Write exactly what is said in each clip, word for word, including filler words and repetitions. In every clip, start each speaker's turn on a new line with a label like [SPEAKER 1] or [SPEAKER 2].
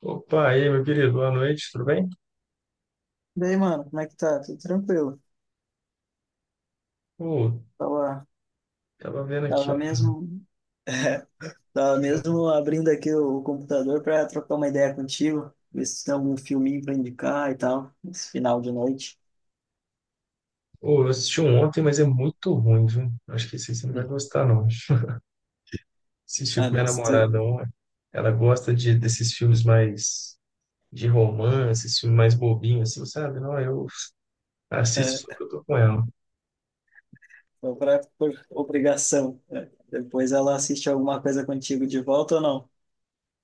[SPEAKER 1] Opa, e aí, meu querido, boa noite, tudo bem?
[SPEAKER 2] Daí, mano, como é que tá? Tudo tranquilo.
[SPEAKER 1] Ô,
[SPEAKER 2] Tava,
[SPEAKER 1] tava vendo aqui
[SPEAKER 2] tava
[SPEAKER 1] um.
[SPEAKER 2] mesmo, é, tava mesmo abrindo aqui o computador pra trocar uma ideia contigo, ver se tem algum filminho pra indicar e tal, esse final de noite.
[SPEAKER 1] Ô, eu assisti um ontem, mas é muito ruim, viu? Acho que esse aí você não vai
[SPEAKER 2] Hum.
[SPEAKER 1] gostar, não. Assisti com
[SPEAKER 2] Ah,
[SPEAKER 1] minha
[SPEAKER 2] nossa, tu,
[SPEAKER 1] namorada ontem. Ela gosta de, desses filmes mais de romance, esses filmes mais bobinhos, assim, sabe? Não, eu assisto só
[SPEAKER 2] é,
[SPEAKER 1] que eu tô com ela.
[SPEAKER 2] só pra, por obrigação. É. Depois ela assiste alguma coisa contigo de volta ou não?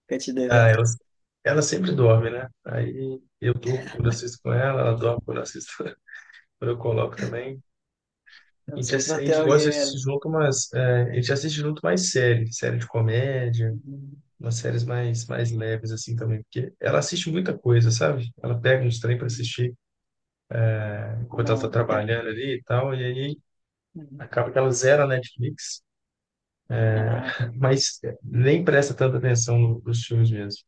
[SPEAKER 2] Fica te
[SPEAKER 1] Ah,
[SPEAKER 2] devendo.
[SPEAKER 1] ela, ela sempre dorme, né? Aí eu durmo quando eu assisto com ela, ela dorme quando eu assisto, quando eu coloco também. A
[SPEAKER 2] É
[SPEAKER 1] gente,
[SPEAKER 2] só
[SPEAKER 1] ass-
[SPEAKER 2] pra
[SPEAKER 1] a
[SPEAKER 2] ter
[SPEAKER 1] gente gosta de
[SPEAKER 2] alguém
[SPEAKER 1] assistir
[SPEAKER 2] ali.
[SPEAKER 1] junto umas. É, a gente assiste junto mais série, série de comédia,
[SPEAKER 2] Uhum,
[SPEAKER 1] umas séries mais, mais leves, assim também, porque ela assiste muita coisa, sabe? Ela pega uns trem para
[SPEAKER 2] uhum.
[SPEAKER 1] assistir enquanto ela tá
[SPEAKER 2] Não, inter...
[SPEAKER 1] trabalhando ali e tal, e aí
[SPEAKER 2] uhum.
[SPEAKER 1] acaba que ela zera a Netflix,
[SPEAKER 2] Ah, tá.
[SPEAKER 1] mas nem presta tanta atenção no- nos filmes mesmo.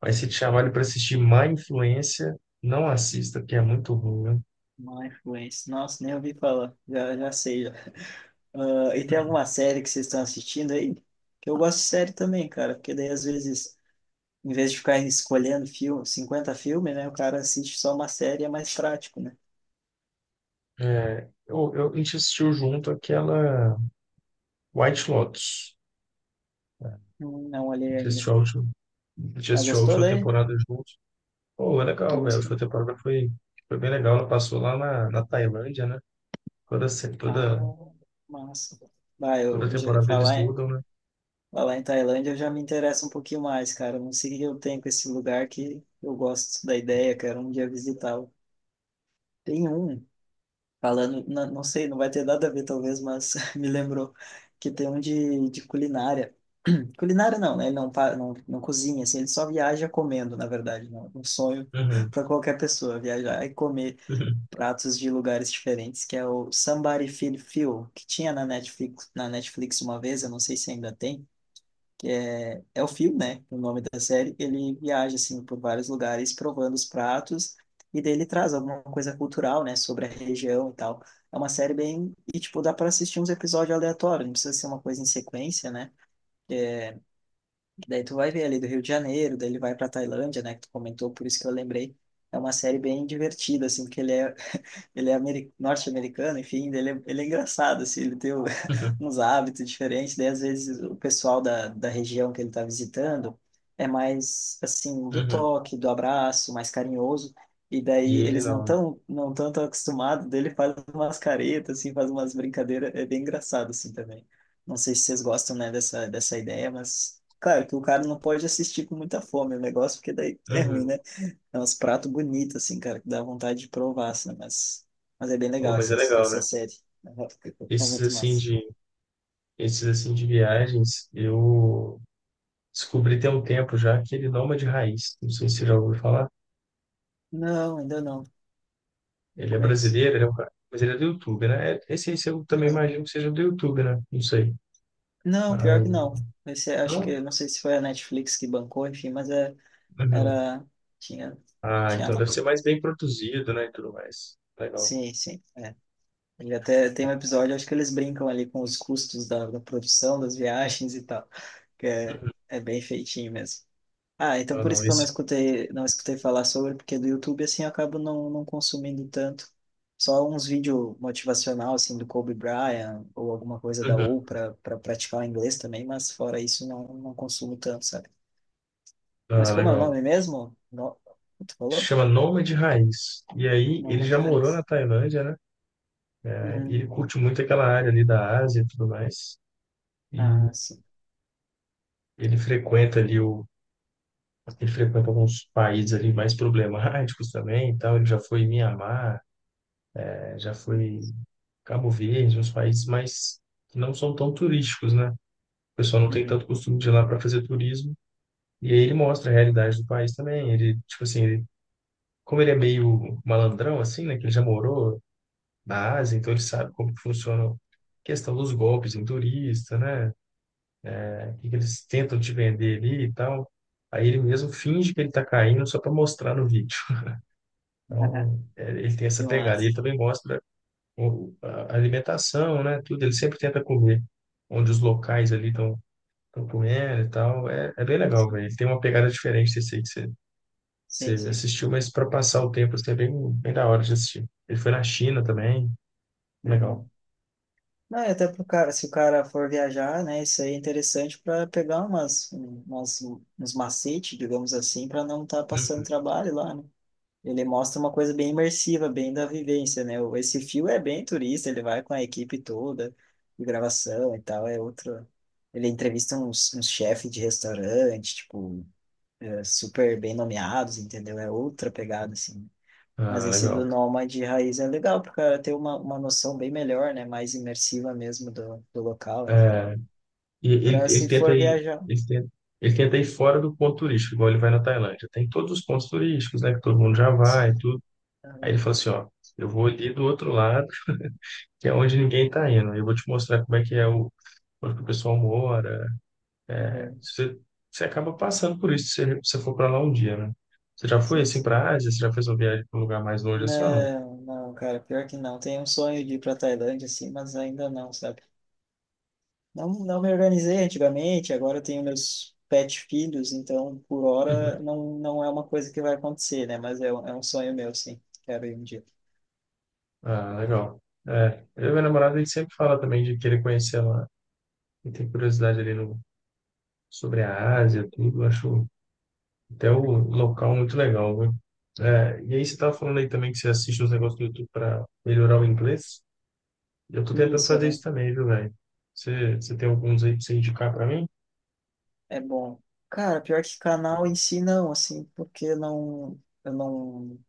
[SPEAKER 1] Mas se te chamarem para assistir Má Influência, não assista, porque é muito ruim, né?
[SPEAKER 2] Má influência. Nossa, nem ouvi falar. Já, já sei, já. Ah, e tem alguma série que vocês estão assistindo aí? Que eu gosto de série também, cara, porque daí às vezes, em vez de ficar escolhendo filme, cinquenta filmes, né, o cara assiste só uma série, é mais prático, né?
[SPEAKER 1] É, eu, eu, a gente assistiu junto aquela White Lotus.
[SPEAKER 2] Não, não
[SPEAKER 1] A
[SPEAKER 2] olhei
[SPEAKER 1] gente
[SPEAKER 2] ainda.
[SPEAKER 1] assistiu a última, a gente
[SPEAKER 2] Mas
[SPEAKER 1] assistiu a
[SPEAKER 2] gostou
[SPEAKER 1] última
[SPEAKER 2] daí?
[SPEAKER 1] temporada juntos. Pô, é
[SPEAKER 2] Hum, Tu
[SPEAKER 1] legal, velho. A
[SPEAKER 2] gostou?
[SPEAKER 1] última temporada foi, Foi bem legal. Ela passou lá na, na Tailândia, né? Toda, se-
[SPEAKER 2] Ah,
[SPEAKER 1] toda,
[SPEAKER 2] massa. Vai,
[SPEAKER 1] Toda
[SPEAKER 2] eu já
[SPEAKER 1] temporada eles
[SPEAKER 2] falar em,
[SPEAKER 1] mudam, né?
[SPEAKER 2] falar em Tailândia, eu já me interesso um pouquinho mais, cara. Não sei o que eu tenho com esse lugar que eu gosto da ideia, quero um dia visitá-lo. Tem um Falando, não, não sei, não vai ter nada a ver talvez, mas me lembrou que tem um de, de culinária. Culinária não, né? Ele não, pa- não, não cozinha, assim, ele só viaja comendo, na verdade, né? Um sonho
[SPEAKER 1] Uhum,
[SPEAKER 2] para qualquer pessoa, viajar e comer
[SPEAKER 1] uhum,
[SPEAKER 2] pratos de lugares diferentes, que é o Somebody Feed Phil, que tinha na Netflix, na Netflix uma vez, eu não sei se ainda tem, é o Phil, né? O nome da série. Ele viaja, assim, por vários lugares provando os pratos e daí ele traz alguma coisa cultural, né? Sobre a região e tal. É uma série bem... E, tipo, dá para assistir uns episódios aleatórios. Não precisa ser uma coisa em sequência, né? Daí tu vai ver ali do Rio de Janeiro, daí ele vai para Tailândia, né? Que tu comentou, por isso que eu lembrei. É uma série bem divertida, assim, porque ele é, ele é ameri- norte-americano, enfim, ele é, ele é engraçado, assim, ele tem o-
[SPEAKER 1] uhum,
[SPEAKER 2] uns hábitos diferentes, daí às vezes o pessoal da, da região que ele está visitando é mais, assim, do
[SPEAKER 1] uhum.
[SPEAKER 2] toque, do abraço, mais carinhoso, e
[SPEAKER 1] E
[SPEAKER 2] daí
[SPEAKER 1] ele
[SPEAKER 2] eles não
[SPEAKER 1] não, né?
[SPEAKER 2] tão, não tão, tão acostumados, daí ele faz umas caretas, assim, faz umas brincadeiras, é bem engraçado, assim, também. Não sei se vocês gostam, né, dessa, dessa ideia, mas... Claro que o cara não pode assistir com muita fome o negócio, porque daí é ruim,
[SPEAKER 1] Uhum.
[SPEAKER 2] né? É uns pratos bonitos, assim, cara, que dá vontade de provar, assim, mas, mas é bem
[SPEAKER 1] Oh,
[SPEAKER 2] legal
[SPEAKER 1] mas
[SPEAKER 2] essa,
[SPEAKER 1] é legal,
[SPEAKER 2] essa
[SPEAKER 1] né?
[SPEAKER 2] série. Aham, é
[SPEAKER 1] Esses
[SPEAKER 2] muito
[SPEAKER 1] assim
[SPEAKER 2] massa.
[SPEAKER 1] de, Esses assim de viagens, eu descobri tem um tempo já que ele não é de raiz. Não sei se você já ouviu falar.
[SPEAKER 2] Não, ainda não. Não
[SPEAKER 1] Ele é
[SPEAKER 2] conheço.
[SPEAKER 1] brasileiro, ele é um cara, mas ele é do YouTube, né? É- Esse aí eu também
[SPEAKER 2] Aham.
[SPEAKER 1] imagino que seja do YouTube, né? Não sei.
[SPEAKER 2] Não,
[SPEAKER 1] Aí
[SPEAKER 2] pior que não. Esse, é- acho
[SPEAKER 1] Não?
[SPEAKER 2] que, não sei se foi a Netflix que bancou, enfim, mas é,
[SPEAKER 1] Uhum.
[SPEAKER 2] era, tinha,
[SPEAKER 1] Ah,
[SPEAKER 2] tinha
[SPEAKER 1] então
[SPEAKER 2] lá.
[SPEAKER 1] deve ser mais bem produzido, né, e tudo mais. Legal.
[SPEAKER 2] Sim, sim, é. Ele até tem um episódio, acho que eles brincam ali com os custos da, da produção, das viagens e tal, que é,
[SPEAKER 1] Uhum.
[SPEAKER 2] é bem feitinho mesmo. Ah, então
[SPEAKER 1] Ah,
[SPEAKER 2] por
[SPEAKER 1] não,
[SPEAKER 2] isso que eu não
[SPEAKER 1] esse.
[SPEAKER 2] escutei, não escutei falar sobre, porque do YouTube assim eu acabo não, não consumindo tanto. Só uns vídeos motivacional assim do Kobe Bryant ou alguma coisa da
[SPEAKER 1] Uhum.
[SPEAKER 2] Oprah para praticar o inglês também, mas fora isso não, não consumo tanto, sabe? Mas
[SPEAKER 1] Ah,
[SPEAKER 2] como é o
[SPEAKER 1] legal.
[SPEAKER 2] nome mesmo? No... Tu falou?
[SPEAKER 1] Chama Nômade Raiz. E aí, ele
[SPEAKER 2] Noma de
[SPEAKER 1] já morou na
[SPEAKER 2] raiz.
[SPEAKER 1] Tailândia, né? E ele
[SPEAKER 2] Uhum.
[SPEAKER 1] curte muito aquela área ali da Ásia e tudo mais. E
[SPEAKER 2] Ah, sim.
[SPEAKER 1] ele frequenta ali o. Ele frequenta alguns países ali mais problemáticos também e tal. Ele já foi em Mianmar, eh, já foi em Cabo Verde, uns países mais que não são tão turísticos, né? O pessoal não tem
[SPEAKER 2] Uhum.
[SPEAKER 1] tanto costume de ir lá para fazer turismo. E aí ele mostra a realidade do país também. Ele, tipo assim, ele, como ele é meio malandrão, assim, né? Que ele já morou na Ásia, então ele sabe como que funciona a questão dos golpes em turista, né? O que que eles tentam te vender ali e tal. Aí ele mesmo finge que ele tá caindo só para mostrar no vídeo. Então, é, ele tem essa
[SPEAKER 2] Deu uma-
[SPEAKER 1] pegada. E ele também mostra o- a alimentação, né? Tudo. Ele sempre tenta comer onde os locais ali estão comendo e tal. É, é bem legal,
[SPEAKER 2] Sim,
[SPEAKER 1] velho. Ele tem uma pegada diferente desse aí. Você
[SPEAKER 2] sim, sim.
[SPEAKER 1] assistiu, mas para passar o tempo, assim, é bem, bem da hora de assistir. Ele foi na China também, legal.
[SPEAKER 2] Uhum. Não, e até pro cara, se o cara for viajar, né, isso aí é interessante para pegar umas, umas, uns macetes, digamos assim, para não estar passando
[SPEAKER 1] Uhum.
[SPEAKER 2] trabalho lá, né? Ele mostra uma coisa bem imersiva, bem da vivência, né? O- Esse fio é bem turista, ele vai com a equipe toda de gravação e tal, é outro. Ele entrevista uns, uns chefes de restaurante, tipo, é, super bem nomeados, entendeu? É outra pegada, assim. Mas
[SPEAKER 1] Ah,
[SPEAKER 2] esse do
[SPEAKER 1] legal.
[SPEAKER 2] Nômade Raiz é legal, porque ela tem uma, uma noção bem melhor, né? Mais imersiva mesmo do, do local, enfim.
[SPEAKER 1] É, e
[SPEAKER 2] E para
[SPEAKER 1] ele, ele
[SPEAKER 2] se
[SPEAKER 1] tenta
[SPEAKER 2] for
[SPEAKER 1] ir,
[SPEAKER 2] viajar,
[SPEAKER 1] ele tenta, ele tenta ir fora do ponto turístico, igual ele vai na Tailândia. Tem todos os pontos turísticos, né, que todo mundo já vai e
[SPEAKER 2] sim.
[SPEAKER 1] tudo. Aí ele
[SPEAKER 2] Aham,
[SPEAKER 1] fala assim, ó, eu vou ali do outro lado, que é onde ninguém tá indo. Eu vou te mostrar como é que é o, onde que o pessoal mora. É,
[SPEAKER 2] aham,
[SPEAKER 1] você, você acaba passando por isso se você você for para lá um dia, né? Você já foi
[SPEAKER 2] sim,
[SPEAKER 1] assim
[SPEAKER 2] sim.
[SPEAKER 1] para a Ásia? Você já fez uma viagem para um lugar mais longe assim ou não?
[SPEAKER 2] Não, não, cara, pior que não. Tenho um sonho de ir para Tailândia, assim, mas ainda não, sabe? Não, não me organizei antigamente, agora eu tenho meus pet filhos, então por hora não, não é uma coisa que vai acontecer, né? Mas é, um- é um sonho meu, sim. Quero ir um dia.
[SPEAKER 1] Ah, legal. É, eu e minha namorada, a gente sempre fala também de querer conhecer lá. E tem curiosidade ali no, sobre a Ásia, tudo. Acho até o
[SPEAKER 2] Uhum.
[SPEAKER 1] local muito legal, viu? É, e aí você estava falando aí também que você assiste uns negócios do YouTube para melhorar o inglês. Eu tô tentando
[SPEAKER 2] Isso.
[SPEAKER 1] fazer isso também, viu, velho? Você, você tem alguns aí pra você indicar para mim?
[SPEAKER 2] É bom. Cara, pior que canal em si não, assim, porque não, eu não,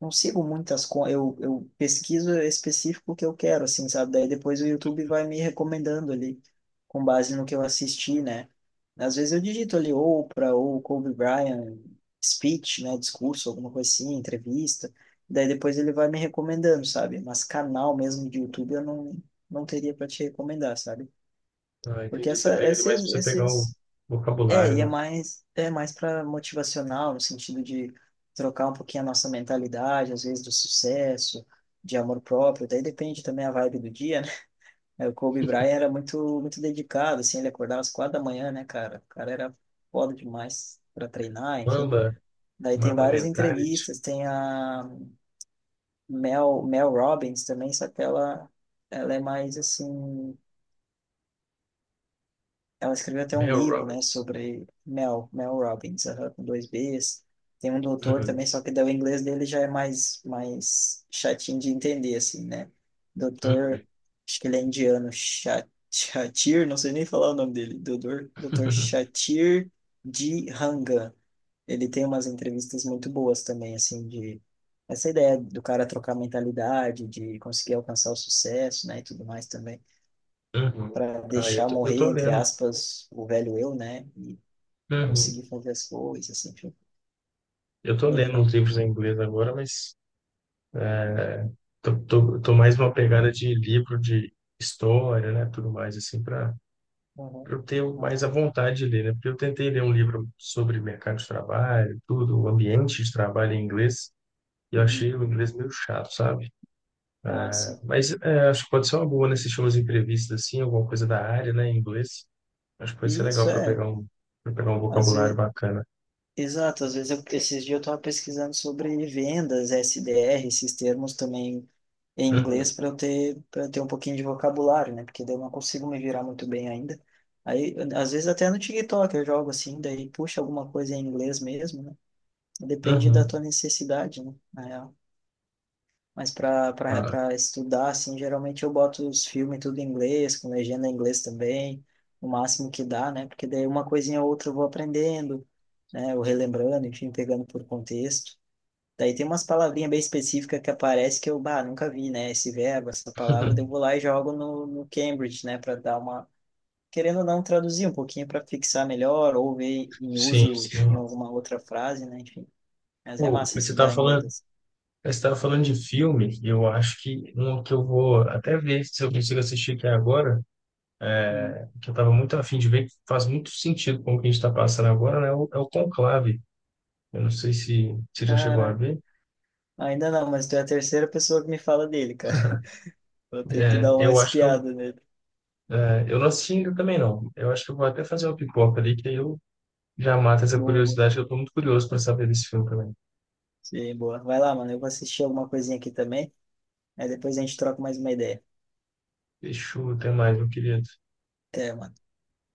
[SPEAKER 2] não sigo muitas coisas. Eu, eu pesquiso específico o que eu quero, assim, sabe? Daí depois o YouTube vai me recomendando ali, com base no que eu assisti, né? Às vezes eu digito ali Oprah ou Kobe Bryant, speech, né? Discurso, alguma coisa assim, entrevista. Daí depois ele vai me recomendando, sabe? Mas canal mesmo de YouTube eu não, não teria para te recomendar, sabe?
[SPEAKER 1] Ah,
[SPEAKER 2] Porque
[SPEAKER 1] entendi. Você
[SPEAKER 2] essa,
[SPEAKER 1] pega demais pra
[SPEAKER 2] esses,
[SPEAKER 1] você pegar o
[SPEAKER 2] esses é, e é
[SPEAKER 1] vocabulário, né?
[SPEAKER 2] mais, é mais para motivacional, no sentido de trocar um pouquinho a nossa mentalidade, às vezes do sucesso, de amor próprio, daí depende também a vibe do dia, né? É, O Kobe Bryant era muito, muito dedicado, assim, ele acordava às quatro da manhã, né, cara? O cara era foda demais para treinar, enfim.
[SPEAKER 1] Mamba,
[SPEAKER 2] Daí tem
[SPEAKER 1] Mamba
[SPEAKER 2] várias
[SPEAKER 1] Mentality,
[SPEAKER 2] entrevistas, tem a Mel, Mel Robbins também, só que ela, ela é mais, assim, ela escreveu até um
[SPEAKER 1] Mel
[SPEAKER 2] livro, né,
[SPEAKER 1] Robbins.
[SPEAKER 2] sobre Mel, Mel Robbins, aham, com dois Bs. Tem um doutor
[SPEAKER 1] Uhum,
[SPEAKER 2] também, só que daí o inglês dele já é mais, mais chatinho de entender, assim, né? Doutor,
[SPEAKER 1] uhum,
[SPEAKER 2] acho que ele é indiano, Cha- Shatir, não sei nem falar o nome dele, doutor, doutor Shatir de Ranga. Ele tem umas entrevistas muito boas também, assim, de essa ideia do cara trocar mentalidade, de conseguir alcançar o sucesso, né, e tudo mais também
[SPEAKER 1] uhum.
[SPEAKER 2] para
[SPEAKER 1] Ah, eu
[SPEAKER 2] deixar
[SPEAKER 1] tô, eu tô
[SPEAKER 2] morrer, entre
[SPEAKER 1] lendo.
[SPEAKER 2] aspas, o velho eu, né? E
[SPEAKER 1] Uhum.
[SPEAKER 2] conseguir fazer as coisas, assim, foi
[SPEAKER 1] Eu tô
[SPEAKER 2] bem
[SPEAKER 1] lendo
[SPEAKER 2] legal.
[SPEAKER 1] uns livros em inglês agora, mas tô, tô, tô mais uma pegada de livro de história, né, tudo mais assim para
[SPEAKER 2] Uhum.
[SPEAKER 1] eu ter
[SPEAKER 2] Ah,
[SPEAKER 1] mais a vontade de ler, né? Porque eu tentei ler um livro sobre mercado de trabalho, tudo, o ambiente de trabalho em inglês, e eu achei
[SPEAKER 2] uhum.
[SPEAKER 1] o inglês meio chato, sabe?
[SPEAKER 2] Ah, sim.
[SPEAKER 1] Mas é, acho que pode ser uma boa, né, assistir umas entrevistas assim, alguma coisa da área, né, em inglês. Acho que pode ser
[SPEAKER 2] E Isso
[SPEAKER 1] legal para
[SPEAKER 2] é,
[SPEAKER 1] pegar um para pegar um
[SPEAKER 2] às
[SPEAKER 1] vocabulário
[SPEAKER 2] vezes,
[SPEAKER 1] bacana.
[SPEAKER 2] Exato, às vezes eu, esses dias eu estava pesquisando sobre vendas, S D R, esses termos também em
[SPEAKER 1] Uhum.
[SPEAKER 2] inglês para eu ter, para ter um pouquinho de vocabulário, né? Porque daí eu não consigo me virar muito bem ainda. Aí, às vezes até no TikTok eu jogo assim, daí puxa alguma coisa em inglês mesmo, né? Depende da tua
[SPEAKER 1] Uhum.
[SPEAKER 2] necessidade, né? Mas para
[SPEAKER 1] Claro.
[SPEAKER 2] para estudar, assim, geralmente eu boto os filmes tudo em inglês, com legenda em inglês também, o máximo que dá, né? Porque daí uma coisinha ou outra eu vou aprendendo, né? Ou relembrando, enfim, pegando por contexto. Daí tem umas palavrinhas bem específicas que aparecem que eu, bah, nunca vi, né? Esse verbo, essa palavra, daí eu vou lá e jogo no, no Cambridge, né? Para dar uma. Querendo ou não, traduzir um pouquinho para fixar melhor, ou ver em
[SPEAKER 1] Sim,
[SPEAKER 2] uso
[SPEAKER 1] sim.
[SPEAKER 2] em alguma outra frase, né? Enfim. Mas é
[SPEAKER 1] Pô,
[SPEAKER 2] massa
[SPEAKER 1] mas você estava
[SPEAKER 2] estudar inglês
[SPEAKER 1] falando
[SPEAKER 2] assim.
[SPEAKER 1] você estava falando de filme, e eu acho que um que eu vou até ver se eu consigo assistir aqui agora,
[SPEAKER 2] Hum.
[SPEAKER 1] que eu estava muito afim de ver, que faz muito sentido com o que a gente está passando agora, né? É o, é o Conclave. Eu não sei se você já chegou a
[SPEAKER 2] Caraca.
[SPEAKER 1] ver.
[SPEAKER 2] Ainda não, mas tu é a terceira pessoa que me fala dele, cara. Vou ter que
[SPEAKER 1] É,
[SPEAKER 2] dar uma
[SPEAKER 1] eu acho que eu,
[SPEAKER 2] espiada nele.
[SPEAKER 1] é, eu não assisti ainda também não. Eu acho que eu vou até fazer uma pipoca ali, que aí eu já mato essa
[SPEAKER 2] Boa, boa.
[SPEAKER 1] curiosidade, que eu estou muito curioso para saber desse filme também.
[SPEAKER 2] Sim, boa. Vai lá, mano. Eu vou assistir alguma coisinha aqui também. Aí depois a gente troca mais uma ideia.
[SPEAKER 1] Deixa eu ter mais, meu querido.
[SPEAKER 2] Até, mano.